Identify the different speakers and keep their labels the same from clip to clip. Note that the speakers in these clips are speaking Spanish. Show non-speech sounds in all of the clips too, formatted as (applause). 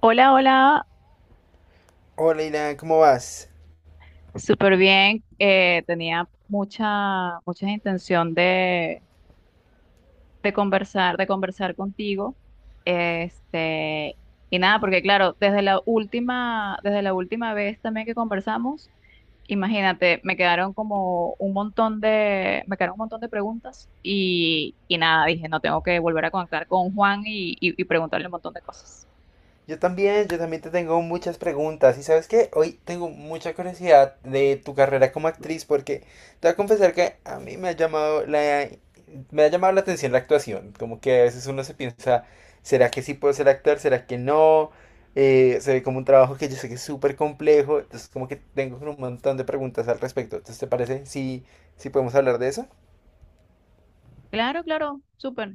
Speaker 1: Hola, hola,
Speaker 2: Hola Ilan, ¿cómo vas?
Speaker 1: súper bien. Tenía mucha, mucha intención de conversar contigo. Este, y nada, porque claro, desde la última vez también que conversamos, imagínate, me quedaron un montón de preguntas y nada, dije, no tengo que volver a conectar con Juan y preguntarle un montón de cosas.
Speaker 2: Yo también te tengo muchas preguntas. Y sabes qué, hoy tengo mucha curiosidad de tu carrera como actriz porque te voy a confesar que a mí me ha llamado la atención la actuación. Como que a veces uno se piensa, ¿será que sí puedo ser actor? ¿Será que no? Se ve como un trabajo que yo sé que es súper complejo. Entonces como que tengo un montón de preguntas al respecto. Entonces, ¿te parece si podemos hablar de eso?
Speaker 1: Claro, claro, súper.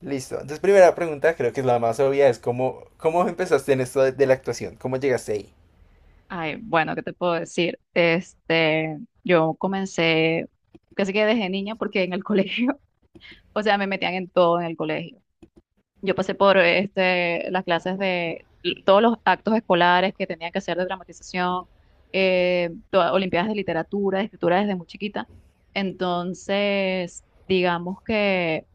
Speaker 2: Listo. Entonces, primera pregunta, creo que es la más obvia, es cómo empezaste en esto de la actuación, cómo llegaste ahí.
Speaker 1: Ay, bueno, ¿qué te puedo decir? Yo comencé, casi que desde niña porque en el (laughs) colegio, o sea, me metían en todo en el colegio. Yo pasé por las clases de todos los actos escolares que tenía que hacer de dramatización, olimpiadas de literatura, de escritura desde muy chiquita. Entonces, digamos que,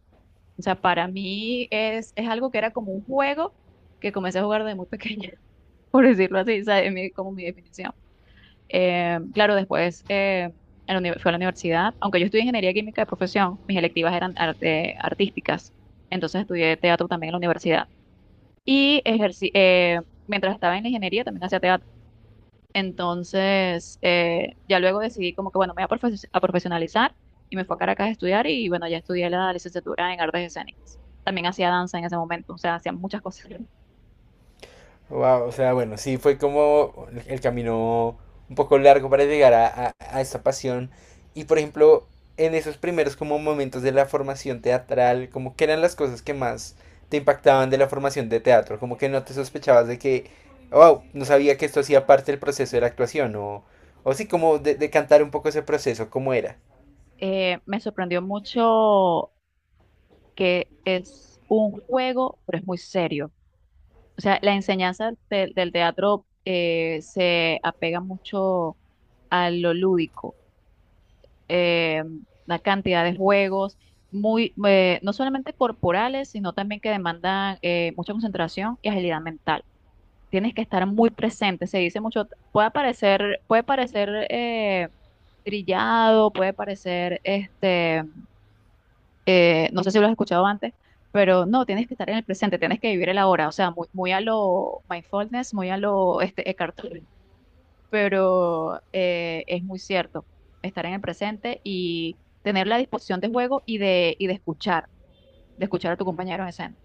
Speaker 1: o sea, para mí es algo que era como un juego que comencé a jugar desde muy pequeña, (laughs) por decirlo así, o sea, como mi definición. Claro, después fui a la universidad, aunque yo estudié ingeniería química de profesión, mis electivas eran artísticas, entonces estudié teatro también en la universidad. Y ejercí, mientras estaba en la ingeniería también hacía teatro. Entonces, ya luego decidí como que, bueno, me voy a profesionalizar y me fui a Caracas a estudiar y bueno, ya estudié la licenciatura en artes escénicas. También hacía danza en ese momento, o sea, hacía muchas cosas.
Speaker 2: Wow, o sea, bueno, sí fue como el camino un poco largo para llegar a esta pasión. Y por ejemplo, en esos primeros como momentos de la formación teatral, como que eran las cosas que más te impactaban de la formación de teatro, como que no te sospechabas de que, wow, no sabía que esto hacía parte del proceso de la actuación, o sí, como de cantar un poco ese proceso, cómo era.
Speaker 1: Me sorprendió mucho que es un juego, pero es muy serio. O sea, la enseñanza del teatro se apega mucho a lo lúdico, eh, la cantidad de juegos, muy, no solamente corporales, sino también que demandan mucha concentración y agilidad mental. Tienes que estar muy presente, se dice mucho, puede parecer trillado, puede parecer no sé si lo has escuchado antes, pero no, tienes que estar en el presente, tienes que vivir el ahora, o sea, muy, muy a lo mindfulness, muy a lo Eckhart Tolle, pero es muy cierto, estar en el presente y tener la disposición de juego y de escuchar a tu compañero en escena.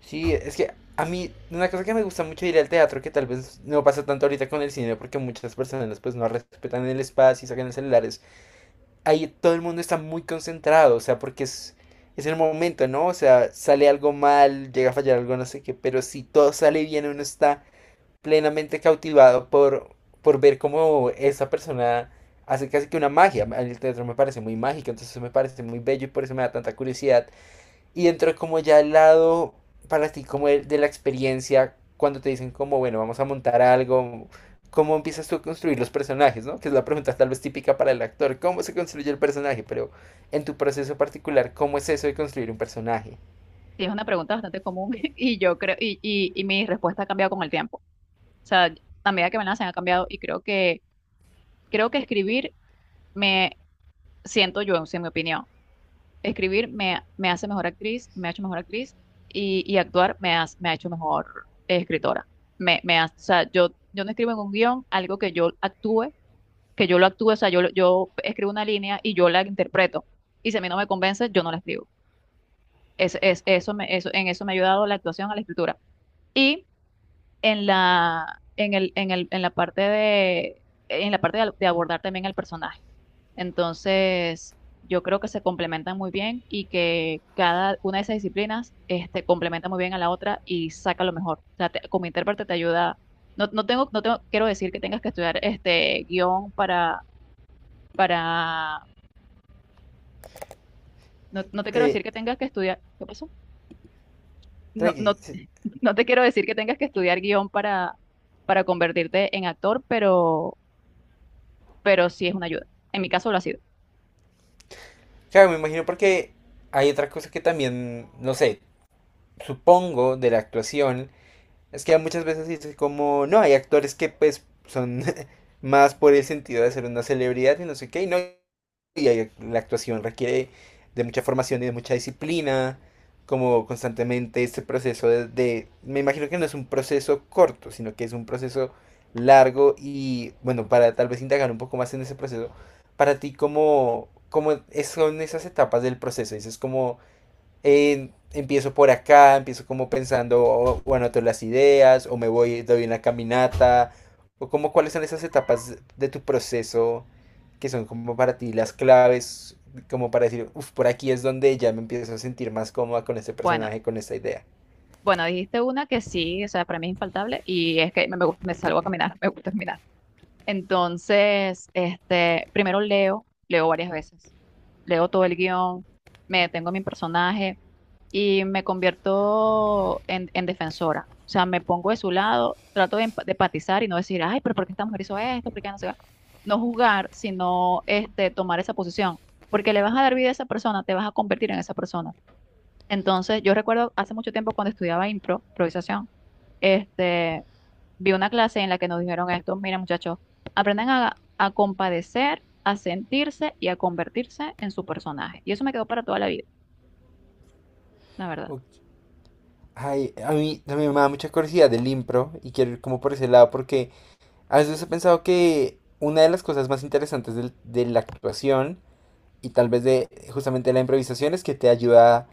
Speaker 2: Sí, es que a mí una cosa que me gusta mucho de ir al teatro, que tal vez no pasa tanto ahorita con el cine, porque muchas personas pues no respetan el espacio y sacan los celulares. Ahí todo el mundo está muy concentrado, o sea, porque es el momento, ¿no? O sea, sale algo mal, llega a fallar algo, no sé qué, pero si todo sale bien, uno está plenamente cautivado por ver cómo esa persona hace casi que una magia. A mí el teatro me parece muy mágico, entonces me parece muy bello y por eso me da tanta curiosidad y entró como ya al lado para ti, como de la experiencia, cuando te dicen como, bueno, vamos a montar algo, ¿cómo empiezas tú a construir los personajes, ¿no? Que es la pregunta tal vez típica para el actor, ¿cómo se construye el personaje? Pero en tu proceso particular, ¿cómo es eso de construir un personaje?
Speaker 1: Sí, es una pregunta bastante común (laughs) y yo creo, y mi respuesta ha cambiado con el tiempo. O sea, a medida que me la hacen ha cambiado y creo que escribir me siento yo, en mi opinión. Escribir me, me hace mejor actriz, me ha hecho mejor actriz y actuar me ha hecho mejor escritora. O sea, yo no escribo en un guión algo que yo actúe, que yo lo actúe, o sea, yo escribo una línea y yo la interpreto. Y si a mí no me convence, yo no la escribo. Es, eso me, eso, en eso me ha ayudado la actuación a la escritura. Y en la parte de abordar también el personaje. Entonces, yo creo que se complementan muy bien y que cada una de esas disciplinas, complementa muy bien a la otra y saca lo mejor. O sea, como intérprete te ayuda. No, no tengo, no tengo, quiero decir que tengas que estudiar este guión para, no, no te quiero
Speaker 2: Eh,
Speaker 1: decir que tengas que estudiar. ¿Qué pasó? No,
Speaker 2: Tranquilo.
Speaker 1: no,
Speaker 2: Sí.
Speaker 1: (laughs) no te quiero decir que tengas que estudiar guión para convertirte en actor, pero sí es una ayuda. En mi caso lo ha sido.
Speaker 2: Claro, me imagino porque hay otra cosa que también, no sé, supongo de la actuación, es que muchas veces dices como, no, hay actores que pues son (laughs) más por el sentido de ser una celebridad y no sé qué, y no, y la actuación requiere de mucha formación y de mucha disciplina, como constantemente este proceso me imagino que no es un proceso corto, sino que es un proceso largo y bueno, para tal vez indagar un poco más en ese proceso, para ti, ¿cómo es- son esas etapas del proceso? Dices como empiezo por acá, empiezo como pensando, o anoto las ideas, o me voy, doy una caminata, o como cuáles son esas etapas de tu proceso que son como para ti las claves, como para decir, uff, por aquí es donde ya me empiezo a sentir más cómoda con este
Speaker 1: Bueno,
Speaker 2: personaje, con esta idea.
Speaker 1: bueno, dijiste una que sí, o sea, para mí es infaltable y es que me salgo a caminar, (laughs) me gusta caminar. Entonces, primero leo, leo varias veces, leo todo el guión, me detengo en mi personaje y me convierto en defensora. O sea, me pongo de su lado, trato de empatizar y no decir, ay, pero ¿por qué esta mujer hizo esto? ¿Por qué no se va? No juzgar, sino tomar esa posición, porque le vas a dar vida a esa persona, te vas a convertir en esa persona. Entonces, yo recuerdo hace mucho tiempo cuando estudiaba improvisación, este, vi una clase en la que nos dijeron esto, mira muchachos, aprendan a compadecer, a sentirse y a convertirse en su personaje. Y eso me quedó para toda la vida, la verdad.
Speaker 2: Okay. Ay, a mí también me da mucha curiosidad el impro y quiero ir como por ese lado porque a veces he pensado que una de las cosas más interesantes la actuación y tal vez de justamente la improvisación es que te ayuda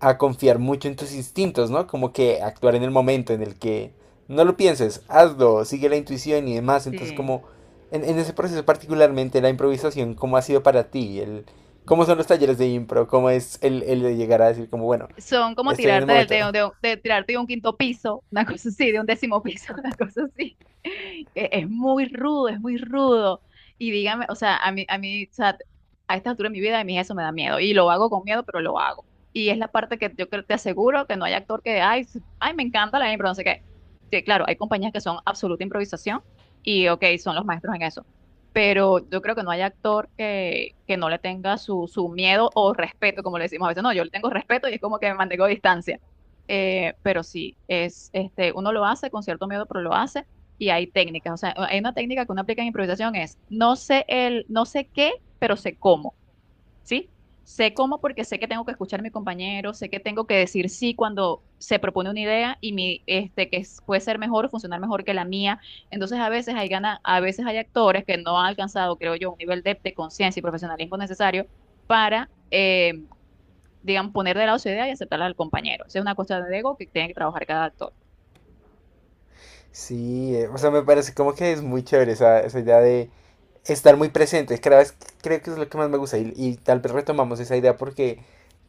Speaker 2: a confiar mucho en tus instintos, ¿no? Como que actuar en el momento en el que no lo pienses, hazlo, sigue la intuición y demás. Entonces,
Speaker 1: Sí,
Speaker 2: como en ese proceso particularmente la improvisación, ¿cómo ha sido para ti? ¿Cómo son los talleres de impro? ¿Cómo es el de llegar a decir como, bueno,
Speaker 1: son como
Speaker 2: estoy en el
Speaker 1: tirarte
Speaker 2: momento?
Speaker 1: de tirarte de un quinto piso, una (laughs) cosa así, de un décimo piso, (laughs) una cosa así. Es muy rudo, es muy rudo. Y dígame, o sea, o sea, a esta altura de mi vida, a mí eso me da miedo. Y lo hago con miedo, pero lo hago. Y es la parte que yo creo, te aseguro que no hay actor que, ay, me encanta la impro, no sé qué. Sí, claro, hay compañías que son absoluta improvisación y, ok, son los maestros en eso, pero yo creo que no hay actor que no le tenga su, su miedo o respeto, como le decimos a veces. No, yo le tengo respeto y es como que me mantengo a distancia. Pero sí, es, uno lo hace con cierto miedo, pero lo hace y hay técnicas. O sea, hay una técnica que uno aplica en improvisación es, no sé qué, pero sé cómo. ¿Sí? Sé cómo porque sé que tengo que escuchar a mi compañero, sé que tengo que decir sí cuando se propone una idea y mi, este, que es- puede ser mejor o funcionar mejor que la mía. Entonces, a veces hay actores que no han alcanzado, creo yo, un nivel de conciencia y profesionalismo necesario para, digamos, poner de lado su idea y aceptarla al compañero. Esa es una cuestión de ego que tiene que trabajar cada actor.
Speaker 2: Sí, o sea, me parece como que es muy chévere esa idea de estar muy presente. Cada vez creo que es lo que más me gusta y tal vez retomamos esa idea porque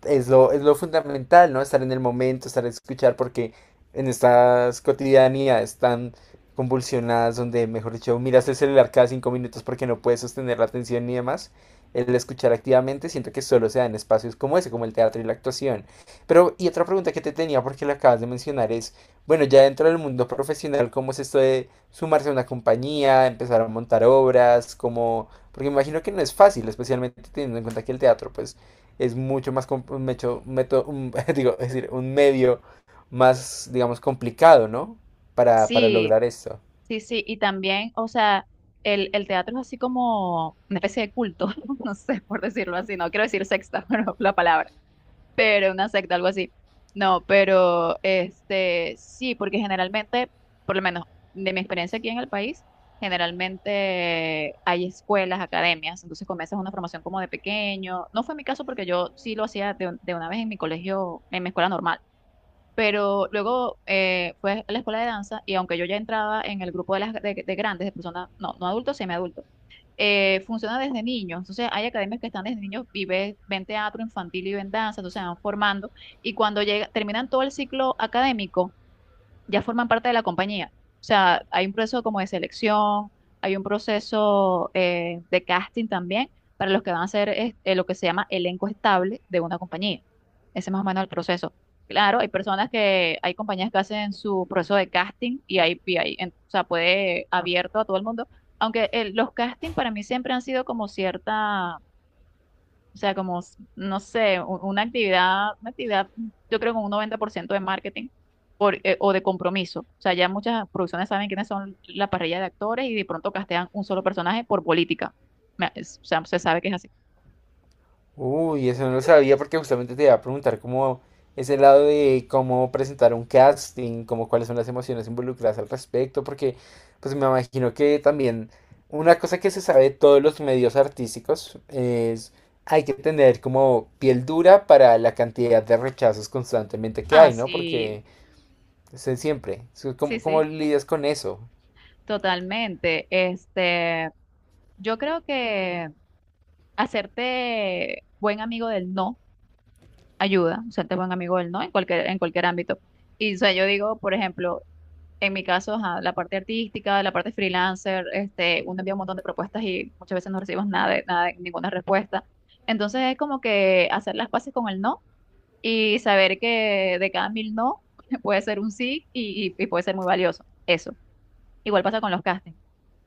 Speaker 2: es lo fundamental, ¿no? Estar en el momento, estar a escuchar, porque en estas cotidianidades tan convulsionadas, donde, mejor dicho, miras el celular cada cinco minutos porque no puedes sostener la atención ni demás, el escuchar activamente siento que solo se da en espacios como ese, como el teatro y la actuación. Pero, y otra pregunta que te tenía, porque la acabas de mencionar, es... Bueno, ya dentro del mundo profesional, ¿cómo es esto de sumarse a una compañía, empezar a montar obras? ¿Cómo? Porque me imagino que no es fácil, especialmente teniendo en cuenta que el teatro, pues, es mucho más, com- un mecho- un meto- un- (laughs) digo, es decir, un medio más, digamos, complicado, ¿no? Para
Speaker 1: Sí,
Speaker 2: lograr esto.
Speaker 1: sí, sí. Y también, o sea, el teatro es así como una especie de culto, (laughs) no sé, por decirlo así, no quiero decir sexta, (laughs) pero la palabra, pero una secta, algo así. No, pero este sí, porque generalmente, por lo menos de mi experiencia aquí en el país, generalmente hay escuelas, academias, entonces comienzas una formación como de pequeño. No fue mi caso porque yo sí lo hacía de una vez en mi colegio, en mi escuela normal. Pero luego fue a la escuela de danza y aunque yo ya entraba en el grupo de grandes, de personas, no, no adultos, semi, funciona desde niños. Entonces, hay academias que están desde niños y ven teatro infantil y ven danza, entonces se van formando. Y cuando llega, terminan todo el ciclo académico, ya forman parte de la compañía. O sea, hay un proceso como de selección, hay un proceso de casting también para los que van a lo que se llama elenco estable de una compañía. Ese es más o menos el proceso. Claro, hay personas que, hay compañías que hacen su proceso de casting o sea, puede abierto a todo el mundo, aunque los castings para mí siempre han sido como cierta, o sea, no sé, una actividad, mm, yo creo que un 90% de marketing por, o de compromiso. O sea, ya muchas producciones saben quiénes son la parrilla de actores y de pronto castean un solo personaje por política. O sea, se sabe que es así.
Speaker 2: Uy, eso no lo sabía porque justamente te iba a preguntar cómo ese lado de cómo presentar un casting, como cuáles son las emociones involucradas al respecto, porque pues me imagino que también una cosa que se sabe de todos los medios artísticos es hay que tener como piel dura para la cantidad de rechazos constantemente que
Speaker 1: Ah,
Speaker 2: hay, ¿no?
Speaker 1: sí,
Speaker 2: Porque
Speaker 1: sí,
Speaker 2: ¿cómo, cómo
Speaker 1: sí,
Speaker 2: lidias con eso?
Speaker 1: totalmente. Yo creo que hacerte buen amigo del no ayuda, hacerte buen amigo del no en cualquier ámbito. Y o sea, yo digo, por ejemplo, en mi caso, ajá, la parte artística, la parte freelancer, uno envía un montón de propuestas y muchas veces no recibimos nada de, nada de- ninguna respuesta. Entonces es como que hacer las paces con el no y saber que de cada mil no (laughs) puede ser un sí y puede ser muy valioso. Eso. Igual pasa con los castings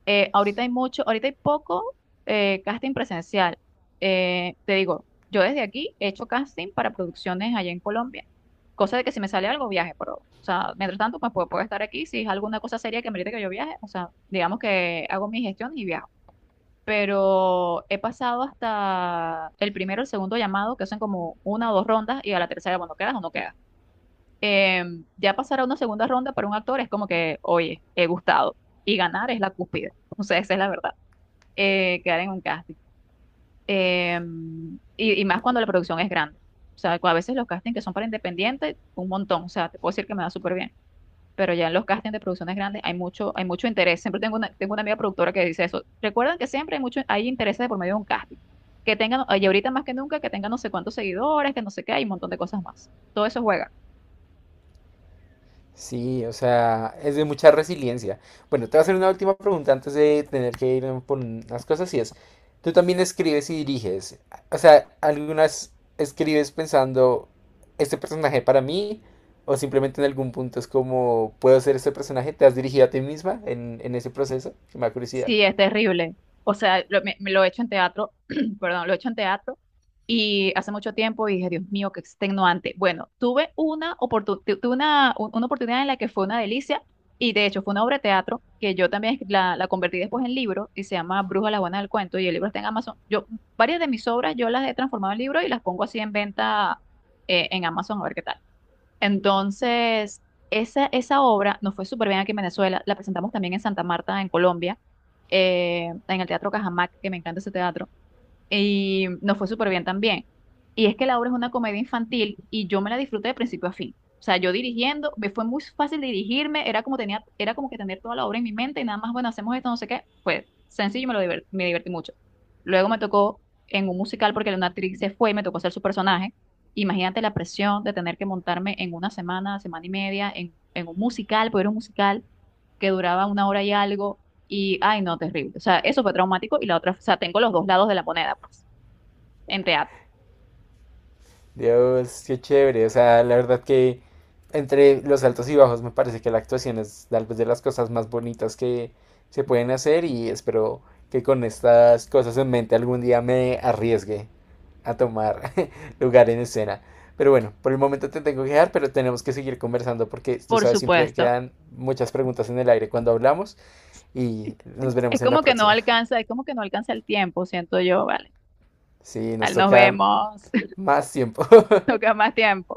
Speaker 1: ahorita hay mucho, ahorita hay poco casting presencial. Te digo, yo desde aquí he hecho casting para producciones allá en Colombia, cosa de que si me sale algo viaje, pero, o sea, mientras tanto, pues puedo estar aquí, si es alguna cosa seria que merece que yo viaje, o sea, digamos que hago mi gestión y viajo. Pero he pasado hasta el primero, el segundo llamado, que hacen como una o dos rondas, y a la tercera, bueno, quedas o no quedas. Ya pasar a una segunda ronda para un actor es como que, oye, he gustado. Y ganar es la cúspide. (laughs) O sea, esa es la verdad, quedar en un casting. Y más cuando la producción es grande. O sea, a veces los castings que son para independientes, un montón. O sea, te puedo decir que me da súper bien. Pero ya en los castings de producciones grandes hay mucho interés. Siempre tengo una amiga productora que dice eso. Recuerden que siempre hay mucho, hay interés de por medio de un casting. Que tengan, y ahorita más que nunca, que tengan no sé cuántos seguidores, que no sé qué, hay un montón de cosas más. Todo eso juega.
Speaker 2: Sí, o sea, es de mucha resiliencia. Bueno, te voy a hacer una última pregunta antes de tener que ir por unas cosas y es, tú también escribes y diriges. O sea, ¿algunas escribes pensando este personaje para mí? ¿O simplemente en algún punto es como, ¿puedo ser este personaje? ¿Te has dirigido a ti misma en ese proceso? Que me da curiosidad.
Speaker 1: Sí, es terrible. O sea, me lo he hecho en teatro, (clears throat) perdón, lo he hecho en teatro. Y hace mucho tiempo y dije, Dios mío, qué extenuante. Bueno, tuve una una oportunidad en la que fue una delicia y de hecho fue una obra de teatro que yo también la convertí después en libro y se llama Bruja la Buena del Cuento y el libro está en Amazon. Yo, varias de mis obras yo las he transformado en libro y las pongo así en venta en Amazon a ver qué tal. Entonces, esa obra nos fue súper bien aquí en Venezuela. La presentamos también en Santa Marta, en Colombia, en el Teatro Cajamarca, que me encanta ese teatro y nos fue súper bien también. Y es que la obra es una comedia infantil y yo me la disfruté de principio a fin. O sea, yo dirigiendo, me fue muy fácil dirigirme, era como tenía, era como que tener toda la obra en mi mente y nada más, bueno, hacemos esto, no sé qué. Fue sencillo y me divertí mucho. Luego me tocó en un musical porque una actriz se fue y me tocó hacer su personaje. Imagínate la presión de tener que montarme en una semana, semana y media, en un musical, porque era un musical que duraba una hora y algo y, ay, no, terrible. O sea, eso fue traumático y la otra, o sea, tengo los dos lados de la moneda, pues, en teatro,
Speaker 2: Dios, qué chévere. O sea, la verdad que entre los altos y bajos me parece que la actuación es tal vez de las cosas más bonitas que se pueden hacer y espero que con estas cosas en mente algún día me arriesgue a tomar (laughs) lugar en escena. Pero bueno, por el momento te tengo que dejar, pero tenemos que seguir conversando porque tú
Speaker 1: por
Speaker 2: sabes, siempre
Speaker 1: supuesto.
Speaker 2: quedan muchas preguntas en el aire cuando hablamos y nos
Speaker 1: Es
Speaker 2: veremos en la
Speaker 1: como que no
Speaker 2: próxima.
Speaker 1: alcanza, es como que no alcanza el tiempo, siento yo, vale.
Speaker 2: Sí, nos
Speaker 1: al Nos
Speaker 2: toca
Speaker 1: vemos, (laughs)
Speaker 2: más tiempo. (laughs)
Speaker 1: toca más tiempo.